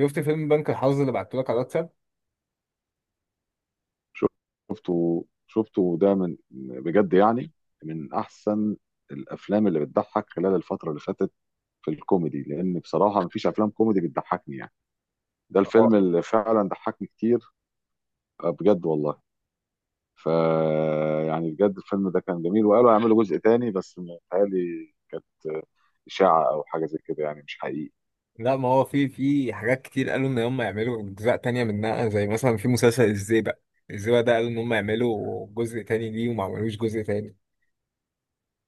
شفت فيلم بنك الحظ اللي بعتهولك على الواتساب. شفته ده من، بجد يعني، من احسن الافلام اللي بتضحك خلال الفتره اللي فاتت في الكوميدي، لان بصراحه مفيش افلام كوميدي بتضحكني يعني. ده الفيلم اللي فعلا ضحكني كتير. بجد والله. ف يعني بجد الفيلم ده كان جميل، وقالوا هيعملوا جزء تاني بس متهيألي كانت اشاعه او حاجه زي كده، يعني مش حقيقي. لا، ما هو في حاجات كتير قالوا ان هم يعملوا اجزاء تانية منها، زي مثلا في مسلسل الزيبق ده. قالوا ان هم يعملوا جزء تاني ليه وما عملوش جزء تاني،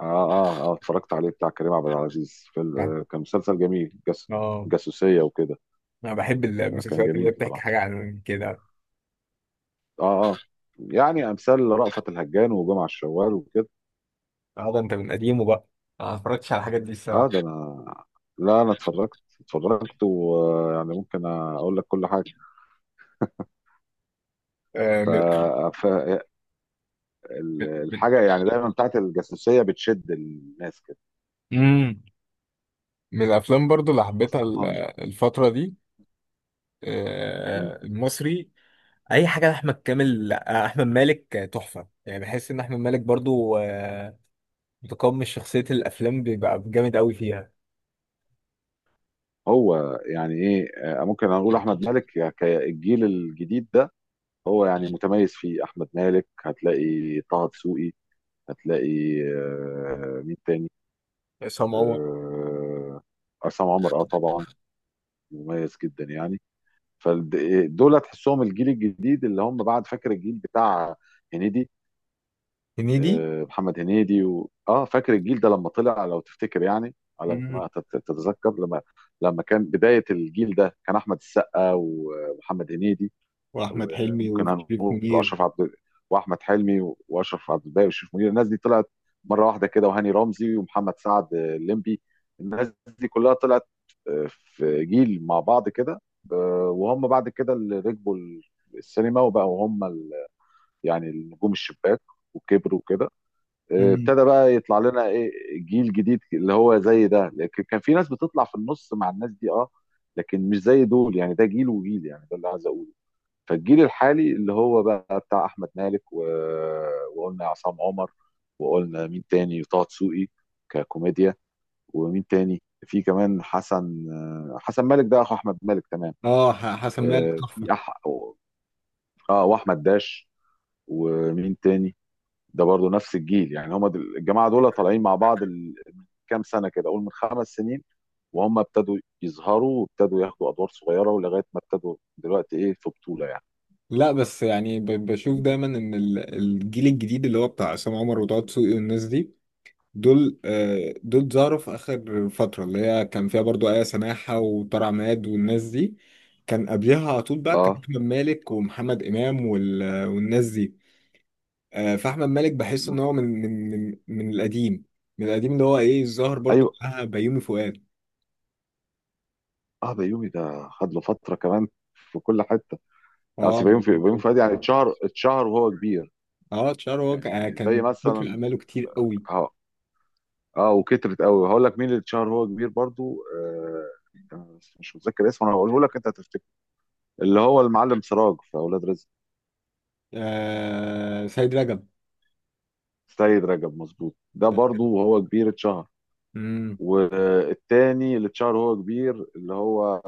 اه اه اه، اتفرجت عليه، بتاع كريم عبد العزيز. فيلم، يعني. كان مسلسل جميل، اه، جاسوسيه وكده. انا بحب كان المسلسلات اللي جميل هي بتحكي بصراحه. حاجة عن كده. اه اه. يعني امثال رأفت الهجان وجمع الشوال وكده. اه، ده انت من قديمه بقى. انا ما اتفرجتش على الحاجات دي، اه الصراحة. ده انا، لا انا اتفرجت ويعني ممكن اقول لك كل حاجه. آه ف... من ف... ال- من من الحاجه يعني دايما بتاعت الجاسوسيه بتشد الناس كده، مم. من الافلام برضو اللي حبيتها خاصه. الفترة دي، مم. المصري، اي حاجه لاحمد كامل، احمد مالك، تحفه. يعني بحس ان احمد مالك برضو، متقمص شخصيه الافلام، بيبقى جامد قوي فيها. هو يعني ايه، ممكن اقول احمد مالك، الجيل الجديد ده هو يعني متميز فيه. احمد مالك، هتلاقي طه دسوقي، هتلاقي مين تاني، عصام عمر. آه، عصام عمر. اه طبعا، مميز جدا يعني. فدول تحسهم الجيل الجديد، اللي هم بعد، فاكر الجيل بتاع هنيدي، هنيدي. محمد هنيدي و... اه فاكر الجيل ده لما طلع، لو تفتكر يعني، على مم. ما تتذكر، لما لما كان بداية الجيل ده، كان احمد السقا ومحمد هنيدي، واحمد حلمي وممكن وشريف هنقول اشرف منير. عبد، واحمد حلمي واشرف عبد الباقي وشريف منير. الناس دي طلعت مره واحده كده، وهاني رمزي ومحمد سعد الليمبي. الناس دي كلها طلعت في جيل مع بعض كده. وهم بعد كده اللي ركبوا السينما، وبقوا هم يعني النجوم الشباك، وكبروا كده. مم. ابتدى بقى يطلع لنا ايه، جيل جديد اللي هو زي ده، لكن كان في ناس بتطلع في النص مع الناس دي اه، لكن مش زي دول يعني. ده جيل وجيل، يعني ده اللي عايز اقوله. فالجيل الحالي اللي هو بقى بتاع احمد مالك وقلنا عصام عمر، وقلنا مين تاني، طه دسوقي، ككوميديا، ومين تاني، في كمان حسن، حسن مالك ده اخو احمد مالك، تمام. اه، حسن مالك آه، تحفه. في أح... اه واحمد داش، ومين تاني، ده برضو نفس الجيل، يعني هم الجماعه دول طالعين مع بعض من كام سنه كده، قول من خمس سنين، وهم ابتدوا يظهروا وابتدوا ياخدوا ادوار صغيره، ولغايه ما ابتدوا دلوقتي ايه، في بطوله يعني. لا، بس يعني، بشوف دايما ان الجيل الجديد اللي هو بتاع عصام عمر وطه دسوقي والناس دي. دول ظهروا في اخر فتره اللي هي كان فيها برضو ايه، سماحه وطارق عماد والناس دي. كان قبلها على طول بقى كان اه. احمد مالك ومحمد امام والناس دي. فاحمد مالك بحس مم. ان هو من القديم اللي هو ايه، الظاهر برضو ايوه. بتاع بيومي فؤاد. اه بيومي ده خد له فتره كمان، في كل حته. يعني اه، أصل بيومي، في بيومي بيومي فؤاد. فؤاد يعني اتشهر وهو كبير. اه، اتشهر هو، يعني زي كان فكر مثلا، اعماله كتير قوي. اه. اه وكترت قوي. هقول لك مين اللي اتشهر وهو كبير برضو، أنا بس مش متذكر اسمه، انا هقوله لك انت هتفتكر، اللي هو المعلم سراج في اولاد رزق. سيد رجب. سيد رجب، مظبوط، ده سيد رجب. برضو وهو كبير اتشهر. امم. والتاني اللي اتشهر وهو كبير، اللي هو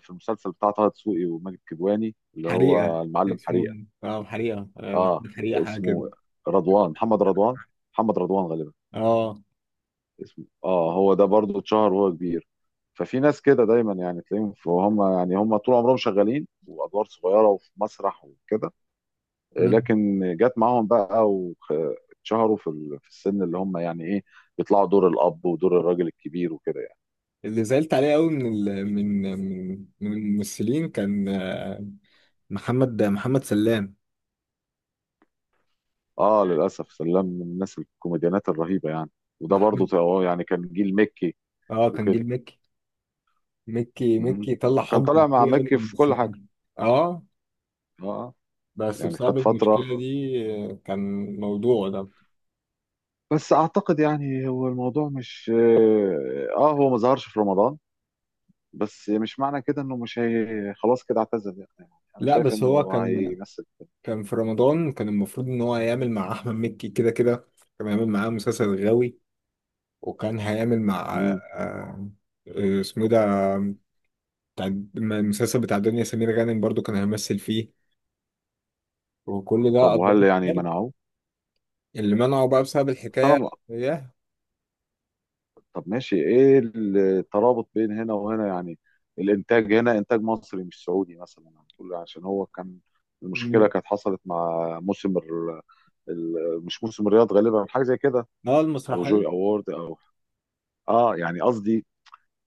في المسلسل بتاع طه دسوقي وماجد كدواني، اللي حريقه. هو المعلم اسمه حريق. إيه؟ اه حريقه، اه محمد حريقه، حاجه كده. اسمه رضوان، محمد رضوان، محمد رضوان غالبا اه. اسمه. اه هو ده برضه اتشهر وهو كبير. ففي ناس كده دايما يعني تلاقيهم، فهم يعني هم طول عمرهم شغالين، وادوار صغيره وفي مسرح وكده، مم. لكن جت معاهم بقى، واتشهروا في في السن اللي هم يعني ايه، بيطلعوا دور الاب ودور الراجل الكبير وكده يعني. اللي زعلت عليه قوي من ال... من من من الممثلين كان، محمد سلام. اه للاسف، سلام من الناس الكوميديانات الرهيبه يعني. وده برضه محمد، يعني كان جيل مكي اه كان وكده. جيل مكي. مكي مهم. مكي طلع وكان حقد طالع مع كتير قوي من مكي في كل حاجه. الممثلين. اه. اه بس يعني بسبب خد فترة. المشكلة دي، كان موضوع ده. بس أعتقد يعني هو الموضوع، مش آه هو ما ظهرش في رمضان، بس مش معنى كده إنه مش، هي خلاص كده اعتزل يعني. أنا لا، شايف بس هو إنه كان هيمثل. كان في رمضان. كان المفروض ان هو هيعمل مع احمد مكي، كده كده. كان هيعمل معاه مسلسل غاوي. وكان هيعمل مع، مم. اسمه إيه ده، بتاع المسلسل بتاع دنيا سمير غانم، برضو كان هيمثل فيه. وكل ده طب أدوار وهل يعني مشتركة. منعوه؟ اللي منعه بقى بسبب بس أنا الحكاية. م- ياه. طب ماشي، إيه الترابط بين هنا وهنا يعني؟ الإنتاج هنا إنتاج مصري مش سعودي مثلا هنقول، عشان هو كان المشكلة م- كانت حصلت مع موسم مش موسم الرياض غالبا، حاجة زي كده، اه أو المسرحية. جوي أوورد أو اه. يعني قصدي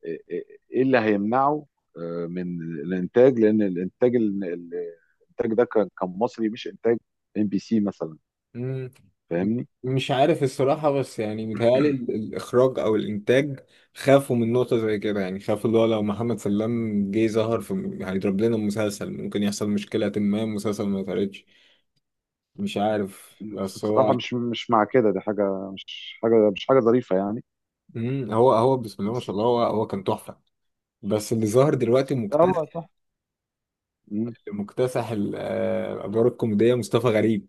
ايه اللي هيمنعه من الانتاج، لان الانتاج الانتاج ده كان، كان مصري، مش انتاج ام بي سي مثلا، مم. فاهمني. مش عارف الصراحة، بس يعني متهيألي الإخراج أو الإنتاج خافوا من نقطة زي كده، يعني خافوا اللي هو لو محمد سلام جه ظهر هيضرب لنا المسلسل، ممكن يحصل مشكلة ما المسلسل ما يتعرضش. مش عارف، بس بس هو. بصراحه مش مع كده، دي حاجه مش حاجه مش حاجه ظريفه يعني. مم. هو بسم الله ما بس شاء الله، هو كان تحفة. بس اللي ظهر دلوقتي هو مكتسح. تحفة. مم. مكتسح الادوار الكوميديه، مصطفى غريب.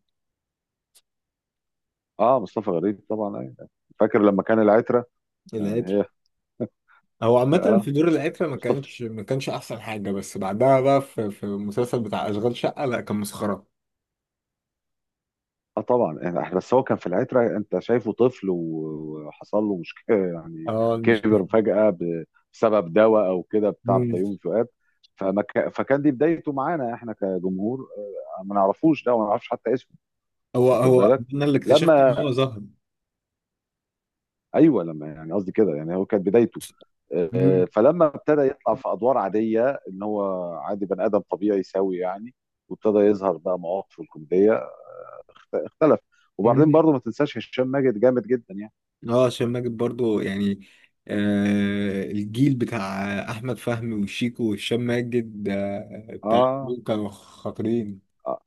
اه مصطفى غريب طبعا، أيوة. فاكر لما كان العترة يعني، العتر. هي هو عامه، اه، في دور العتر، ما مصطفى، كانش ما كانش احسن حاجه، بس بعدها بقى في المسلسل بتاع اشغال شقه، لا، كان مسخره. اه طبعا. يعني بس هو كان في العترة، انت شايفه طفل وحصل له مشكلة يعني، اه، مش. كبر فجأة بسبب دواء او كده بتاع مم. بيومي فؤاد. فكان دي بدايته معانا احنا كجمهور، ما نعرفوش ده وما نعرفش حتى اسمه، هو واخد هو بالك، انا اللي اكتشفت ان لما، هو ظهر. ايوه لما، يعني قصدي كده، يعني هو كانت بدايته، مم. فلما ابتدى يطلع في ادوار عادية ان هو عادي، بني ادم طبيعي سوي يعني، وابتدى يظهر بقى مواقفه الكوميدية، اختلف. وبعدين مم. برضه ما تنساش هشام ماجد، جامد جدا يعني. اه، هشام ماجد برضو يعني. الجيل بتاع احمد فهمي وشيكو وهشام ماجد، بتاع، اه دول كانوا خاطرين. آه،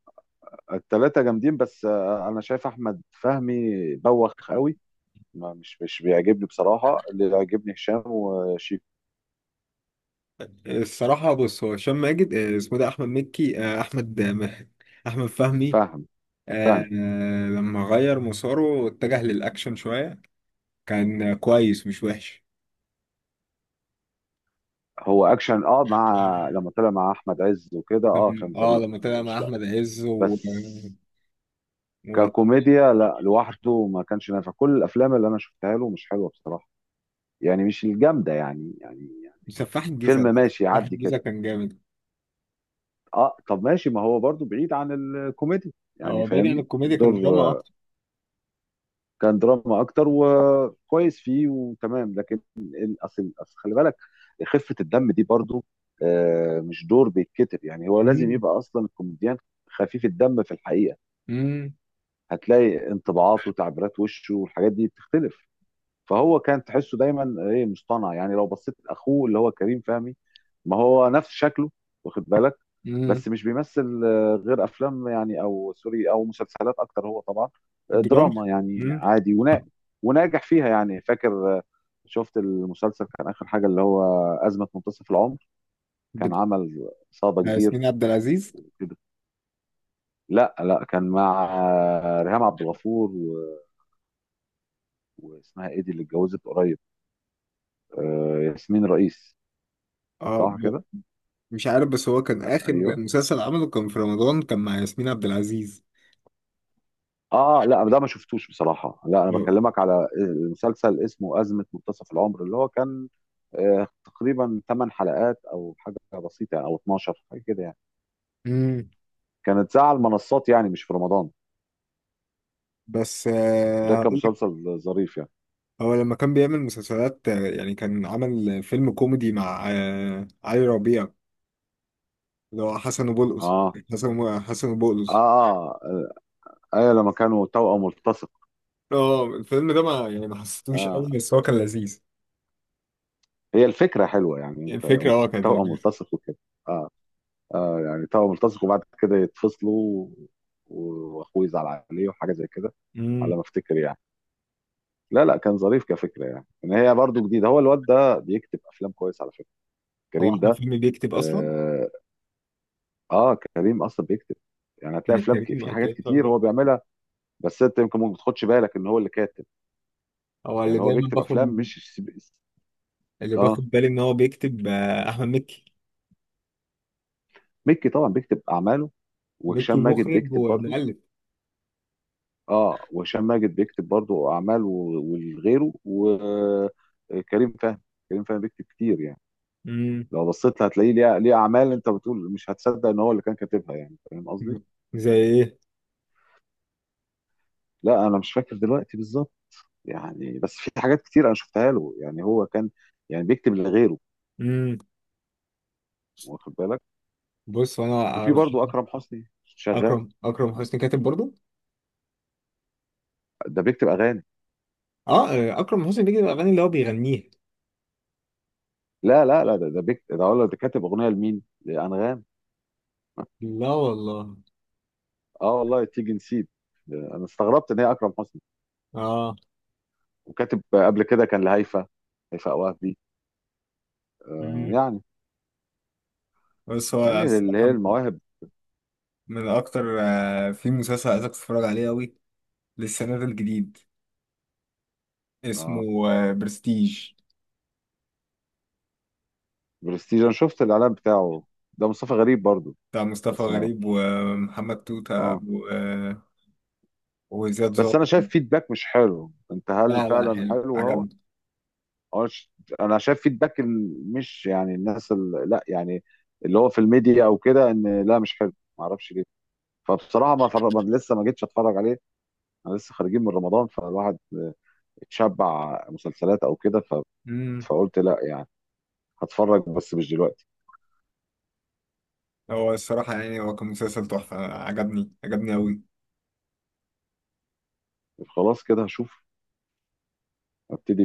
التلاتة جامدين، بس انا شايف احمد فهمي بوخ قوي، ما مش بيعجبني بصراحة. اللي بيعجبني هشام وشيك، الصراحة، بص، هو هشام ماجد، اسمه ده أحمد مكي، أحمد، أحمد فهمي. فهم، فهم. لما غير مساره واتجه للأكشن شوية. كان، كويس، مش وحش. هو اكشن اه، مع لما طلع مع احمد عز وكده اه، كان ظريف لما انا ما طلع مع بقولش لا، أحمد عز، بس و- ككوميديا لا، لوحده ما كانش نافع. كل الافلام اللي انا شفتها له مش حلوة بصراحة، يعني مش الجامدة يعني يعني يعني. وسفاح فيلم الجيزة، ده ماشي سفاح يعدي كده. الجيزة كان جامد. اه طب ماشي، ما هو برضو بعيد عن الكوميديا يعني، هو بعيد عن فاهمني، الكوميديا، كان الدور دراما أكتر. كان دراما اكتر، وكويس فيه وتمام، لكن اصل خلي بالك، خفه الدم دي برضو مش دور بيتكتب، يعني هو لازم مم. يبقى اصلا الكوميديان خفيف الدم في الحقيقه. مم. هتلاقي انطباعاته وتعبيرات وشه والحاجات دي بتختلف. فهو كان تحسه دايما ايه، مصطنع. يعني لو بصيت لاخوه اللي هو كريم فهمي، ما هو نفس شكله، واخد بالك، مم. بس مش بيمثل غير افلام يعني، او سوري او مسلسلات اكتر هو طبعا، دراما. دراما يعني مم. عادي، ونا وناجح فيها يعني. فاكر شفت المسلسل كان اخر حاجه، اللي هو ازمه منتصف العمر، كان بت- عمل صدى كبير ياسمين عبد العزيز. وكده. لا لا، كان مع ريهام عبد الغفور واسمها ايه دي اللي اتجوزت قريب، ياسمين رئيس، اه، صح كده. مش عارف، بس هو كان آخر ايوه. مسلسل عمله، كان في رمضان، كان مع ياسمين عبد العزيز. اه لا، ده ما شفتوش بصراحه. لا انا نعم. بكلمك على المسلسل اسمه ازمه منتصف العمر، اللي هو كان تقريبا 8 حلقات او حاجه بسيطه يعني، او 12 حاجه كده يعني، امم. كانت ساعه، على المنصات يعني مش في رمضان. بس، ده كان هقول لك. مسلسل ظريف يعني. هو لما كان بيعمل مسلسلات، يعني كان عمل فيلم كوميدي مع، علي ربيع، اللي هو حسن وبولقص. اه حسن وبولقص. اه اه، ايوه لما كانوا توأم ملتصق. اه. الفيلم ده، ما يعني، ما حسيتوش اه قوي، بس هو كان لذيذ. هي الفكره حلوه يعني، يعني انت الفكرة، كانت توأم لذيذة. ملتصق وكده. اه يعني توأم ملتصق، وبعد كده يتفصلوا، واخوه يزعل عليه وحاجه زي كده، على امم. ما افتكر يعني. لا لا، كان ظريف كفكره يعني، ان هي برضو جديده. هو الواد ده بيكتب افلام كويس على فكره، هو كريم احمد ده. فيلم بيكتب اصلا؟ اه, آه كريم اصلا بيكتب، يعني هتلاقي يعني افلام في كريم حاجات كريم كتير فهمي. هو بيعملها، بس انت يمكن ما بتاخدش بالك ان هو اللي كاتب، هو اللي يعني هو دايما بيكتب افلام باخد. مش الس- اللي اه باخد بالي ان هو بيكتب، احمد مكي. مكي طبعا بيكتب اعماله، ميكي وهشام ماجد مخرج بيكتب برضو. ومؤلف. اه وهشام ماجد بيكتب برضو اعمال وغيره، وكريم فهمي، كريم فهمي بيكتب كتير يعني. امم. لو بصيت هتلاقيه ليه اعمال انت بتقول مش هتصدق ان هو اللي كان كاتبها، يعني فاهم قصدي. زي ايه؟ لا انا مش فاكر دلوقتي بالظبط، يعني بس في حاجات كتير انا شفتها له، يعني هو كان يعني بيكتب لغيره، امم. واخد بالك. بص، انا وفي ارشح. برضه اكرم حسني شغال، اكرم حسني كاتب برضو. ده بيكتب اغاني. اه. اكرم حسني بيجي الاغاني اللي هو بيغنيها. لا ده ده بيكتب، ده اقول لك ده كاتب اغنيه لمين؟ لانغام. لا والله. اه والله، تيجي نسيت، انا استغربت ان هي اكرم حسني. اه. وكاتب قبل كده كان لهيفا، هيفاء وهبي، امم. يعني، بس هو يعني اللي هي الصراحة، المواهب. من اكتر، في مسلسل عايزك تتفرج عليه قوي، لسه نازل جديد، اه اسمه، برستيج، برستيج، انا شفت الاعلان بتاعه، ده مصطفى غريب برضه. بتاع مصطفى بس ما غريب ومحمد توتة اه. وزياد بس زوق. انا شايف فيدباك مش حلو، انت هل لا، لا، فعلا حلو، حلو هو؟ عجبني. اه انا شايف فيدباك مش يعني الناس لا يعني، اللي هو في الميديا او كده ان لا مش حلو، ما اعرفش ليه. فبصراحه ما لسه ما جيتش اتفرج عليه. انا لسه خارجين من رمضان، فالواحد اتشبع مسلسلات او كده، مم. فقلت لا يعني، هتفرج بس مش دلوقتي. هو الصراحة، يعني هو كان مسلسل تحفة، عجبني عجبني أوي. خلاص كده هشوف، ابتدي